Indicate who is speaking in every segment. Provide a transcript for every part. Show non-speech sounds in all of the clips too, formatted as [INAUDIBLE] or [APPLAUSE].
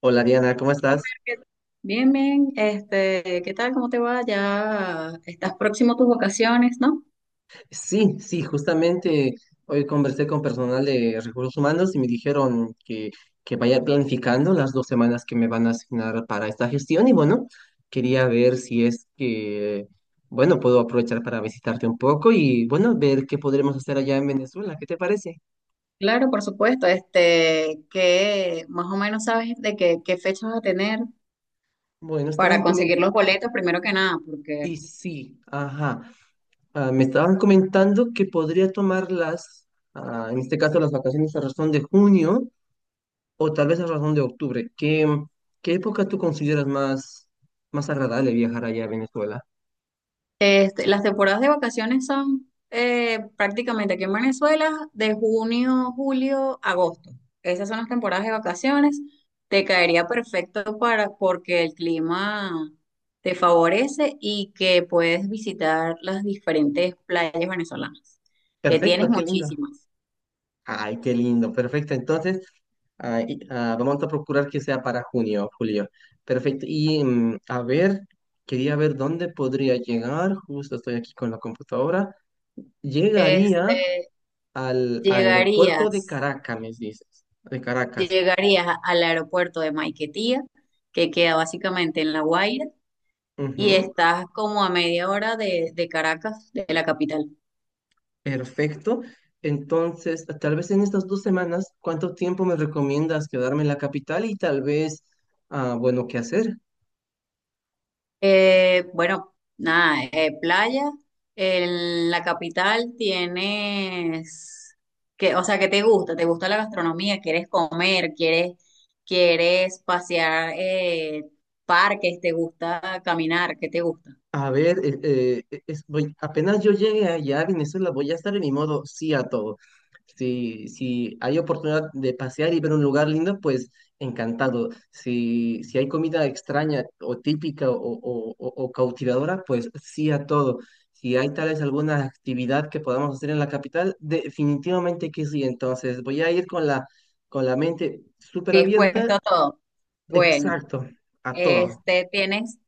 Speaker 1: Hola Diana, ¿cómo estás?
Speaker 2: ¿Qué- Bien, bien, ¿qué tal? ¿Cómo te va? Ya estás próximo a tus vacaciones, ¿no?
Speaker 1: Sí, sí, justamente hoy conversé con personal de recursos humanos y me dijeron que vaya planificando las 2 semanas que me van a asignar para esta gestión y bueno, quería ver si es que, bueno, puedo aprovechar para visitarte un poco y bueno, ver qué podremos hacer allá en Venezuela, ¿qué te parece?
Speaker 2: Claro, por supuesto, que más o menos sabes de qué fecha vas a tener
Speaker 1: Bueno,
Speaker 2: para
Speaker 1: estaban comentando,
Speaker 2: conseguir los boletos, primero que nada, porque
Speaker 1: y sí, ajá, ah, me estaban comentando que podría tomar en este caso las vacaciones a razón de junio o tal vez a razón de octubre. ¿Qué época tú consideras más agradable viajar allá a Venezuela?
Speaker 2: Las temporadas de vacaciones son prácticamente aquí en Venezuela de junio, julio, agosto. Esas son las temporadas de vacaciones. Te caería perfecto para porque el clima te favorece y que puedes visitar las diferentes playas venezolanas, que tienes
Speaker 1: Perfecto, qué lindo.
Speaker 2: muchísimas.
Speaker 1: Ay, qué lindo, perfecto. Entonces, vamos a procurar que sea para junio, julio. Perfecto. Y a ver, quería ver dónde podría llegar. Justo estoy aquí con la computadora. Llegaría
Speaker 2: Este,
Speaker 1: al aeropuerto de
Speaker 2: llegarías,
Speaker 1: Caracas, me dices. De Caracas.
Speaker 2: llegarías al aeropuerto de Maiquetía, que queda básicamente en La Guaira y estás como a media hora de Caracas, de la capital.
Speaker 1: Perfecto. Entonces, tal vez en estas 2 semanas, ¿cuánto tiempo me recomiendas quedarme en la capital y tal vez, bueno, qué hacer?
Speaker 2: Bueno, nada, playa. En la capital tienes que, o sea, que te gusta la gastronomía, quieres comer, quieres pasear parques, te gusta caminar, ¿qué te gusta?
Speaker 1: A ver, apenas yo llegue allá a Venezuela, voy a estar en mi modo sí a todo. Si hay oportunidad de pasear y ver un lugar lindo, pues encantado. Si hay comida extraña o típica o cautivadora, pues sí a todo. Si hay tal vez alguna actividad que podamos hacer en la capital, definitivamente que sí. Entonces voy a ir con la mente súper abierta,
Speaker 2: Dispuesto a todo. Bueno,
Speaker 1: exacto, a todo.
Speaker 2: tienes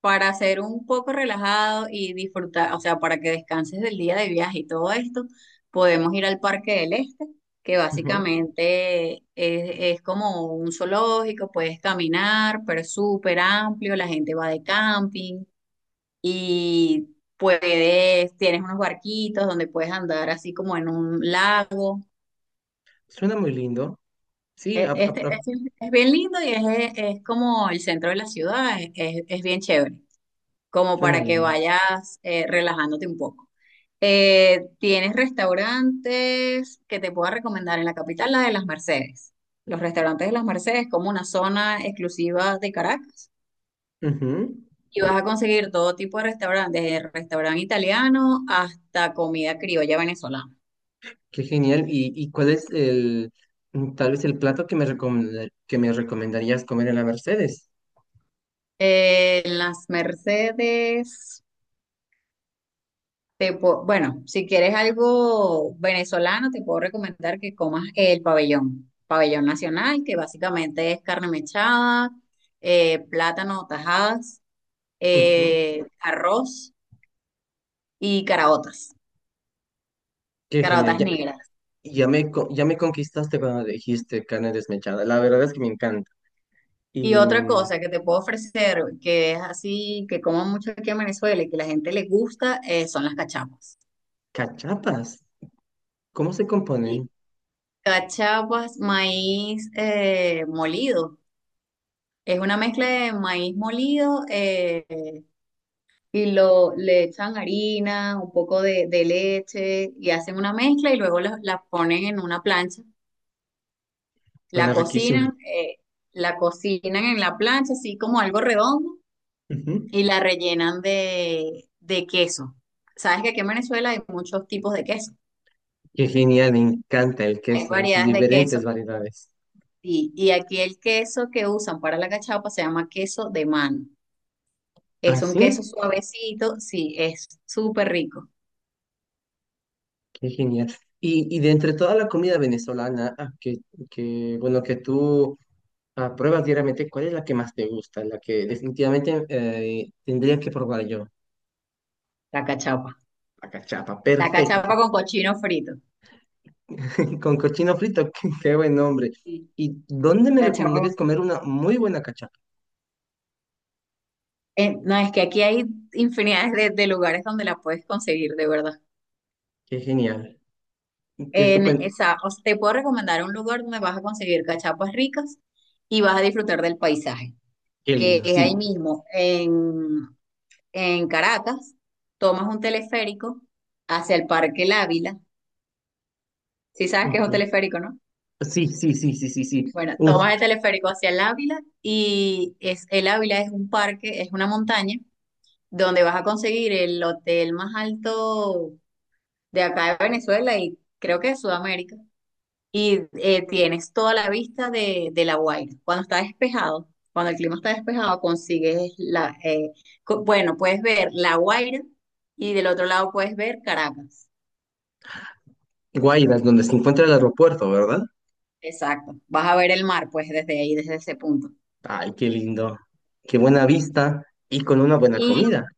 Speaker 2: para ser un poco relajado y disfrutar, o sea, para que descanses del día de viaje y todo esto, podemos ir al Parque del Este, que
Speaker 1: Ujú.
Speaker 2: básicamente es como un zoológico, puedes caminar, pero es súper amplio, la gente va de camping y puedes, tienes unos barquitos donde puedes andar así como en un lago.
Speaker 1: Suena muy lindo. Sí,
Speaker 2: E- Este, es,
Speaker 1: a-
Speaker 2: es bien lindo y es como el centro de la ciudad, es bien chévere, como
Speaker 1: Suena
Speaker 2: para que
Speaker 1: linda.
Speaker 2: vayas relajándote un poco. ¿Tienes restaurantes que te pueda recomendar en la capital, la de las Mercedes? Los restaurantes de las Mercedes, como una zona exclusiva de Caracas.
Speaker 1: Ujú.
Speaker 2: Y vas a conseguir todo tipo de restaurantes, desde restaurante italiano hasta comida criolla venezolana.
Speaker 1: Qué genial. ¿Y cuál es tal vez el plato que que me recomendarías comer en la Mercedes?
Speaker 2: En las Mercedes. Bueno, si quieres algo venezolano, te puedo recomendar que comas el pabellón, pabellón nacional, que básicamente es carne mechada, plátano, tajadas,
Speaker 1: Ujú.
Speaker 2: arroz y caraotas,
Speaker 1: Qué genial.
Speaker 2: caraotas
Speaker 1: Ya,
Speaker 2: negras.
Speaker 1: ya me, co- ya me conquistaste cuando dijiste carne desmechada. La verdad es que me encanta.
Speaker 2: Y
Speaker 1: Y
Speaker 2: otra cosa que te puedo ofrecer, que es así, que como mucho aquí en Venezuela y que la gente le gusta, son las cachapas.
Speaker 1: cachapas, ¿cómo se componen?
Speaker 2: Y cachapas, maíz molido. Es una mezcla de maíz molido, y le echan harina, un poco de leche y hacen una mezcla y luego la ponen en una plancha, la
Speaker 1: Suena riquísimo.
Speaker 2: cocinan, eh, la cocinan en la plancha así como algo redondo
Speaker 1: Ujú.
Speaker 2: y la rellenan de queso. Sabes que aquí en Venezuela hay muchos tipos de queso,
Speaker 1: Qué genial, me encanta el
Speaker 2: hay
Speaker 1: queso en sus
Speaker 2: variedades de queso
Speaker 1: diferentes variedades.
Speaker 2: y aquí el queso que usan para la cachapa se llama queso de mano.
Speaker 1: ¿Ah,
Speaker 2: Es un queso
Speaker 1: sí?
Speaker 2: suavecito, sí, es súper rico
Speaker 1: Qué genial. Y de entre toda la comida venezolana, bueno, que tú pruebas diariamente, ¿cuál es la que más te gusta? La que definitivamente tendría que probar yo.
Speaker 2: la cachapa.
Speaker 1: La cachapa,
Speaker 2: La cachapa
Speaker 1: perfecta.
Speaker 2: con cochino frito.
Speaker 1: [LAUGHS] Con cochino frito, [LAUGHS] qué buen nombre.
Speaker 2: Sí.
Speaker 1: ¿Y dónde me recomendarías
Speaker 2: Cachorro.
Speaker 1: comer una muy buena cachapa?
Speaker 2: No, es que aquí hay infinidades de lugares donde la puedes conseguir, de verdad.
Speaker 1: Qué genial, qué
Speaker 2: En
Speaker 1: estupendo,
Speaker 2: esa, o sea, te puedo recomendar un lugar donde vas a conseguir cachapas ricas y vas a disfrutar del paisaje,
Speaker 1: qué
Speaker 2: que
Speaker 1: lindo,
Speaker 2: es ahí
Speaker 1: sí.
Speaker 2: mismo, en Caracas, tomas un teleférico hacia el Parque El Ávila, si sabes que es un
Speaker 1: Ujú.
Speaker 2: teleférico, ¿no?
Speaker 1: Sí, sí, sí, sí, sí, sí.
Speaker 2: Bueno,
Speaker 1: Uf,
Speaker 2: tomas el teleférico hacia el Ávila y el Ávila es un parque, es una montaña donde vas a conseguir el hotel más alto de acá de Venezuela y creo que de Sudamérica. Y tienes toda la vista de La Guaira. Cuando está despejado, cuando el clima está despejado, consigues bueno, puedes ver La Guaira y del otro lado puedes ver Caracas.
Speaker 1: Guaymas, donde se encuentra el aeropuerto, ¿verdad?
Speaker 2: Exacto. Vas a ver el mar, pues, desde ahí, desde ese punto.
Speaker 1: Ay, qué lindo, qué buena vista y con una buena
Speaker 2: Y
Speaker 1: comida.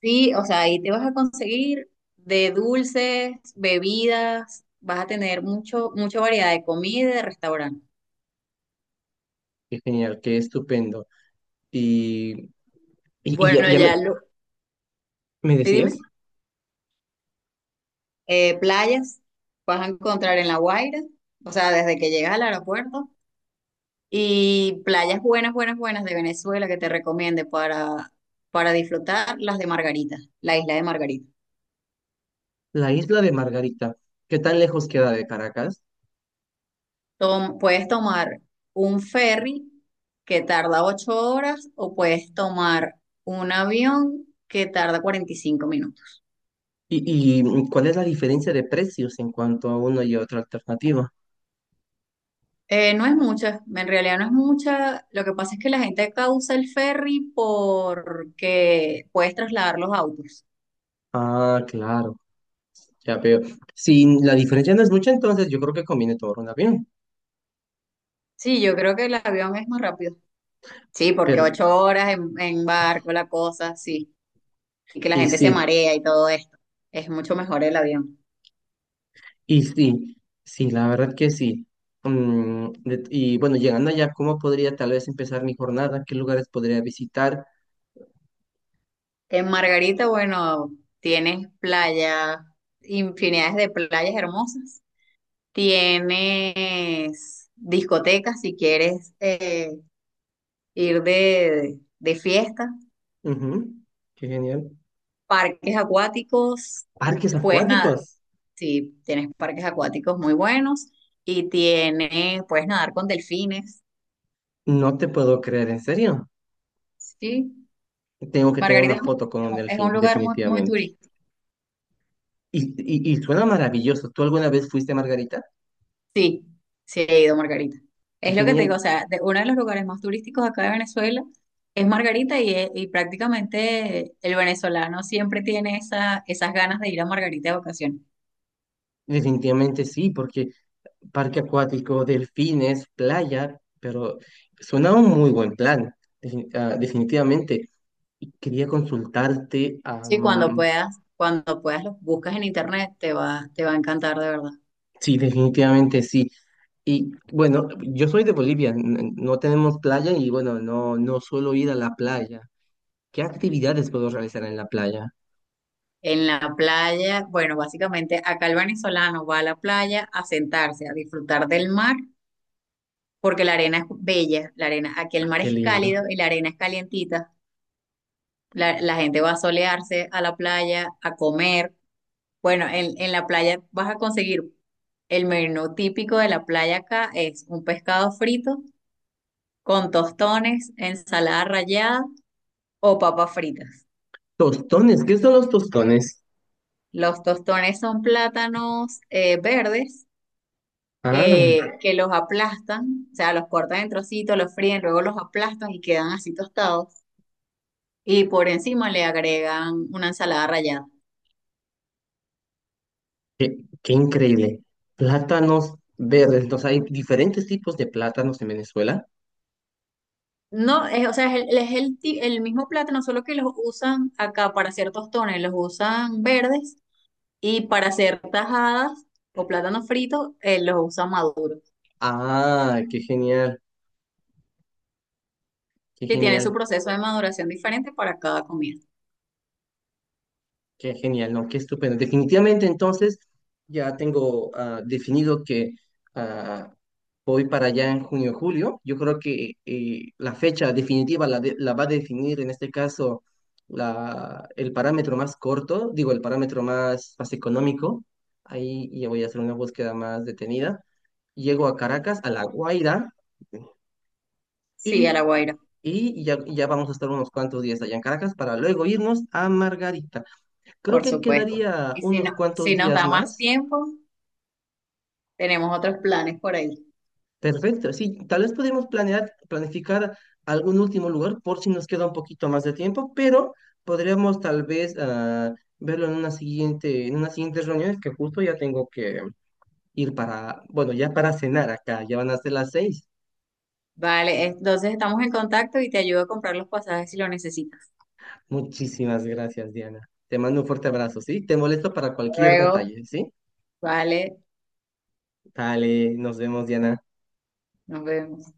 Speaker 2: sí, o sea, ahí te vas a conseguir de dulces, bebidas, vas a tener mucha variedad de comida y de restaurante.
Speaker 1: Qué genial, qué estupendo. Y, y, y ya,
Speaker 2: Bueno,
Speaker 1: ya me,
Speaker 2: ya lo...
Speaker 1: ¿Me
Speaker 2: ¿Sí, dime?
Speaker 1: decías?
Speaker 2: Playas, vas a encontrar en La Guaira, o sea, desde que llegas al aeropuerto, y playas buenas, buenas, buenas de Venezuela que te recomiende para disfrutar las de Margarita, la isla de Margarita.
Speaker 1: La isla de Margarita, ¿qué tan lejos queda de Caracas?
Speaker 2: Puedes tomar un ferry que tarda 8 horas o puedes tomar un avión que tarda 45 minutos.
Speaker 1: Y cuál es la diferencia de precios en cuanto a una y otra alternativa?
Speaker 2: No es mucha, en realidad no es mucha. Lo que pasa es que la gente causa el ferry porque puedes trasladar los autos.
Speaker 1: Ah, claro, ya veo. Si la diferencia no es mucha, entonces yo creo que conviene tomar un avión.
Speaker 2: Sí, yo creo que el avión es más rápido. Sí, porque
Speaker 1: Pero,
Speaker 2: 8 horas en barco, la cosa, sí. Y que la
Speaker 1: y
Speaker 2: gente se
Speaker 1: sí,
Speaker 2: marea y todo esto. Es mucho mejor el avión.
Speaker 1: y sí, sí, la verdad que sí. Y bueno, llegando allá, ¿cómo podría tal vez empezar mi jornada? ¿Qué lugares podría visitar?
Speaker 2: En Margarita, bueno, tienes playa, infinidades de playas hermosas. Tienes discotecas si quieres ir de fiesta.
Speaker 1: Ujú. Qué genial.
Speaker 2: Parques acuáticos,
Speaker 1: Parques
Speaker 2: pues nada,
Speaker 1: acuáticos.
Speaker 2: sí, tienes parques acuáticos muy buenos. Y tienes, puedes nadar con delfines.
Speaker 1: No te puedo creer, en serio.
Speaker 2: Sí,
Speaker 1: Tengo que tener
Speaker 2: Margarita
Speaker 1: una
Speaker 2: es, muy-
Speaker 1: foto con un
Speaker 2: es un
Speaker 1: delfín,
Speaker 2: lugar muy, muy
Speaker 1: definitivamente.
Speaker 2: turístico.
Speaker 1: Y, y suena maravilloso. ¿Tú alguna vez fuiste a Margarita?
Speaker 2: Sí, sí he ido a Margarita.
Speaker 1: Qué
Speaker 2: Es lo que te digo,
Speaker 1: genial.
Speaker 2: o sea, uno de los lugares más turísticos acá de Venezuela es Margarita y prácticamente el venezolano siempre tiene esa, esas ganas de ir a Margarita de vacaciones.
Speaker 1: Definitivamente sí, porque parque acuático, delfines, playa, pero suena un muy buen plan, definitivamente. Y quería consultarte,
Speaker 2: Sí, cuando puedas lo buscas en internet, te va a encantar de verdad.
Speaker 1: sí, definitivamente sí. Y bueno, yo soy de Bolivia, no tenemos playa y bueno, no, no suelo ir a la playa. ¿Qué actividades puedo realizar en la playa?
Speaker 2: En la playa, bueno, básicamente acá el venezolano va a la playa a sentarse, a disfrutar del mar porque la arena es bella, la arena, aquí el
Speaker 1: Ah,
Speaker 2: mar
Speaker 1: qué
Speaker 2: es
Speaker 1: lindo.
Speaker 2: cálido y la arena es calientita. La gente va a solearse a la playa, a comer. Bueno, en la playa vas a conseguir el menú típico de la playa acá es un pescado frito con tostones, ensalada rallada o papas fritas.
Speaker 1: Tostones, ¿qué son los tostones?
Speaker 2: Los tostones son plátanos verdes
Speaker 1: Ah,
Speaker 2: que los aplastan, o sea, los cortan en trocitos, los fríen, luego los aplastan y quedan así tostados. Y por encima le agregan una ensalada rallada.
Speaker 1: qué, qué increíble. Plátanos verdes, entonces hay diferentes tipos de plátanos en Venezuela.
Speaker 2: No, es, o sea, es el, el mismo plátano, solo que los usan acá para hacer tostones, los usan verdes y para hacer tajadas o plátanos fritos, los usan maduros.
Speaker 1: Ah, qué genial, qué
Speaker 2: Sí, tiene su
Speaker 1: genial.
Speaker 2: proceso de maduración diferente para cada comida.
Speaker 1: Qué genial, ¿no? Qué estupendo. Definitivamente, entonces, ya tengo definido que ah, voy para allá en junio o julio. Yo creo que la fecha definitiva la va a definir, en este caso, el parámetro más corto, digo, el parámetro más económico. Ahí ya voy a hacer una búsqueda más detenida. Llego a Caracas, a La Guaira,
Speaker 2: Sí, a la
Speaker 1: y,
Speaker 2: Guaira,
Speaker 1: y ya, ya vamos a estar unos cuantos días allá en Caracas para luego irnos a Margarita. Creo
Speaker 2: por
Speaker 1: que
Speaker 2: supuesto.
Speaker 1: quedaría
Speaker 2: Y si,
Speaker 1: unos
Speaker 2: no,
Speaker 1: cuantos
Speaker 2: si nos
Speaker 1: días
Speaker 2: da más
Speaker 1: más.
Speaker 2: tiempo, tenemos otros planes por ahí.
Speaker 1: Perfecto, sí, tal vez podemos planear, planificar algún último lugar por si nos queda un poquito más de tiempo, pero podríamos tal vez verlo en una siguiente reunión, es que justo ya tengo que ir para, bueno, ya para cenar acá, ya van a ser las 6.
Speaker 2: Vale, entonces estamos en contacto y te ayudo a comprar los pasajes si lo necesitas.
Speaker 1: Muchísimas gracias, Diana. Te mando un fuerte abrazo, ¿sí? Te molesto para
Speaker 2: Hasta
Speaker 1: cualquier
Speaker 2: luego,
Speaker 1: detalle, ¿sí?
Speaker 2: vale,
Speaker 1: Dale, nos vemos, Diana.
Speaker 2: nos vemos.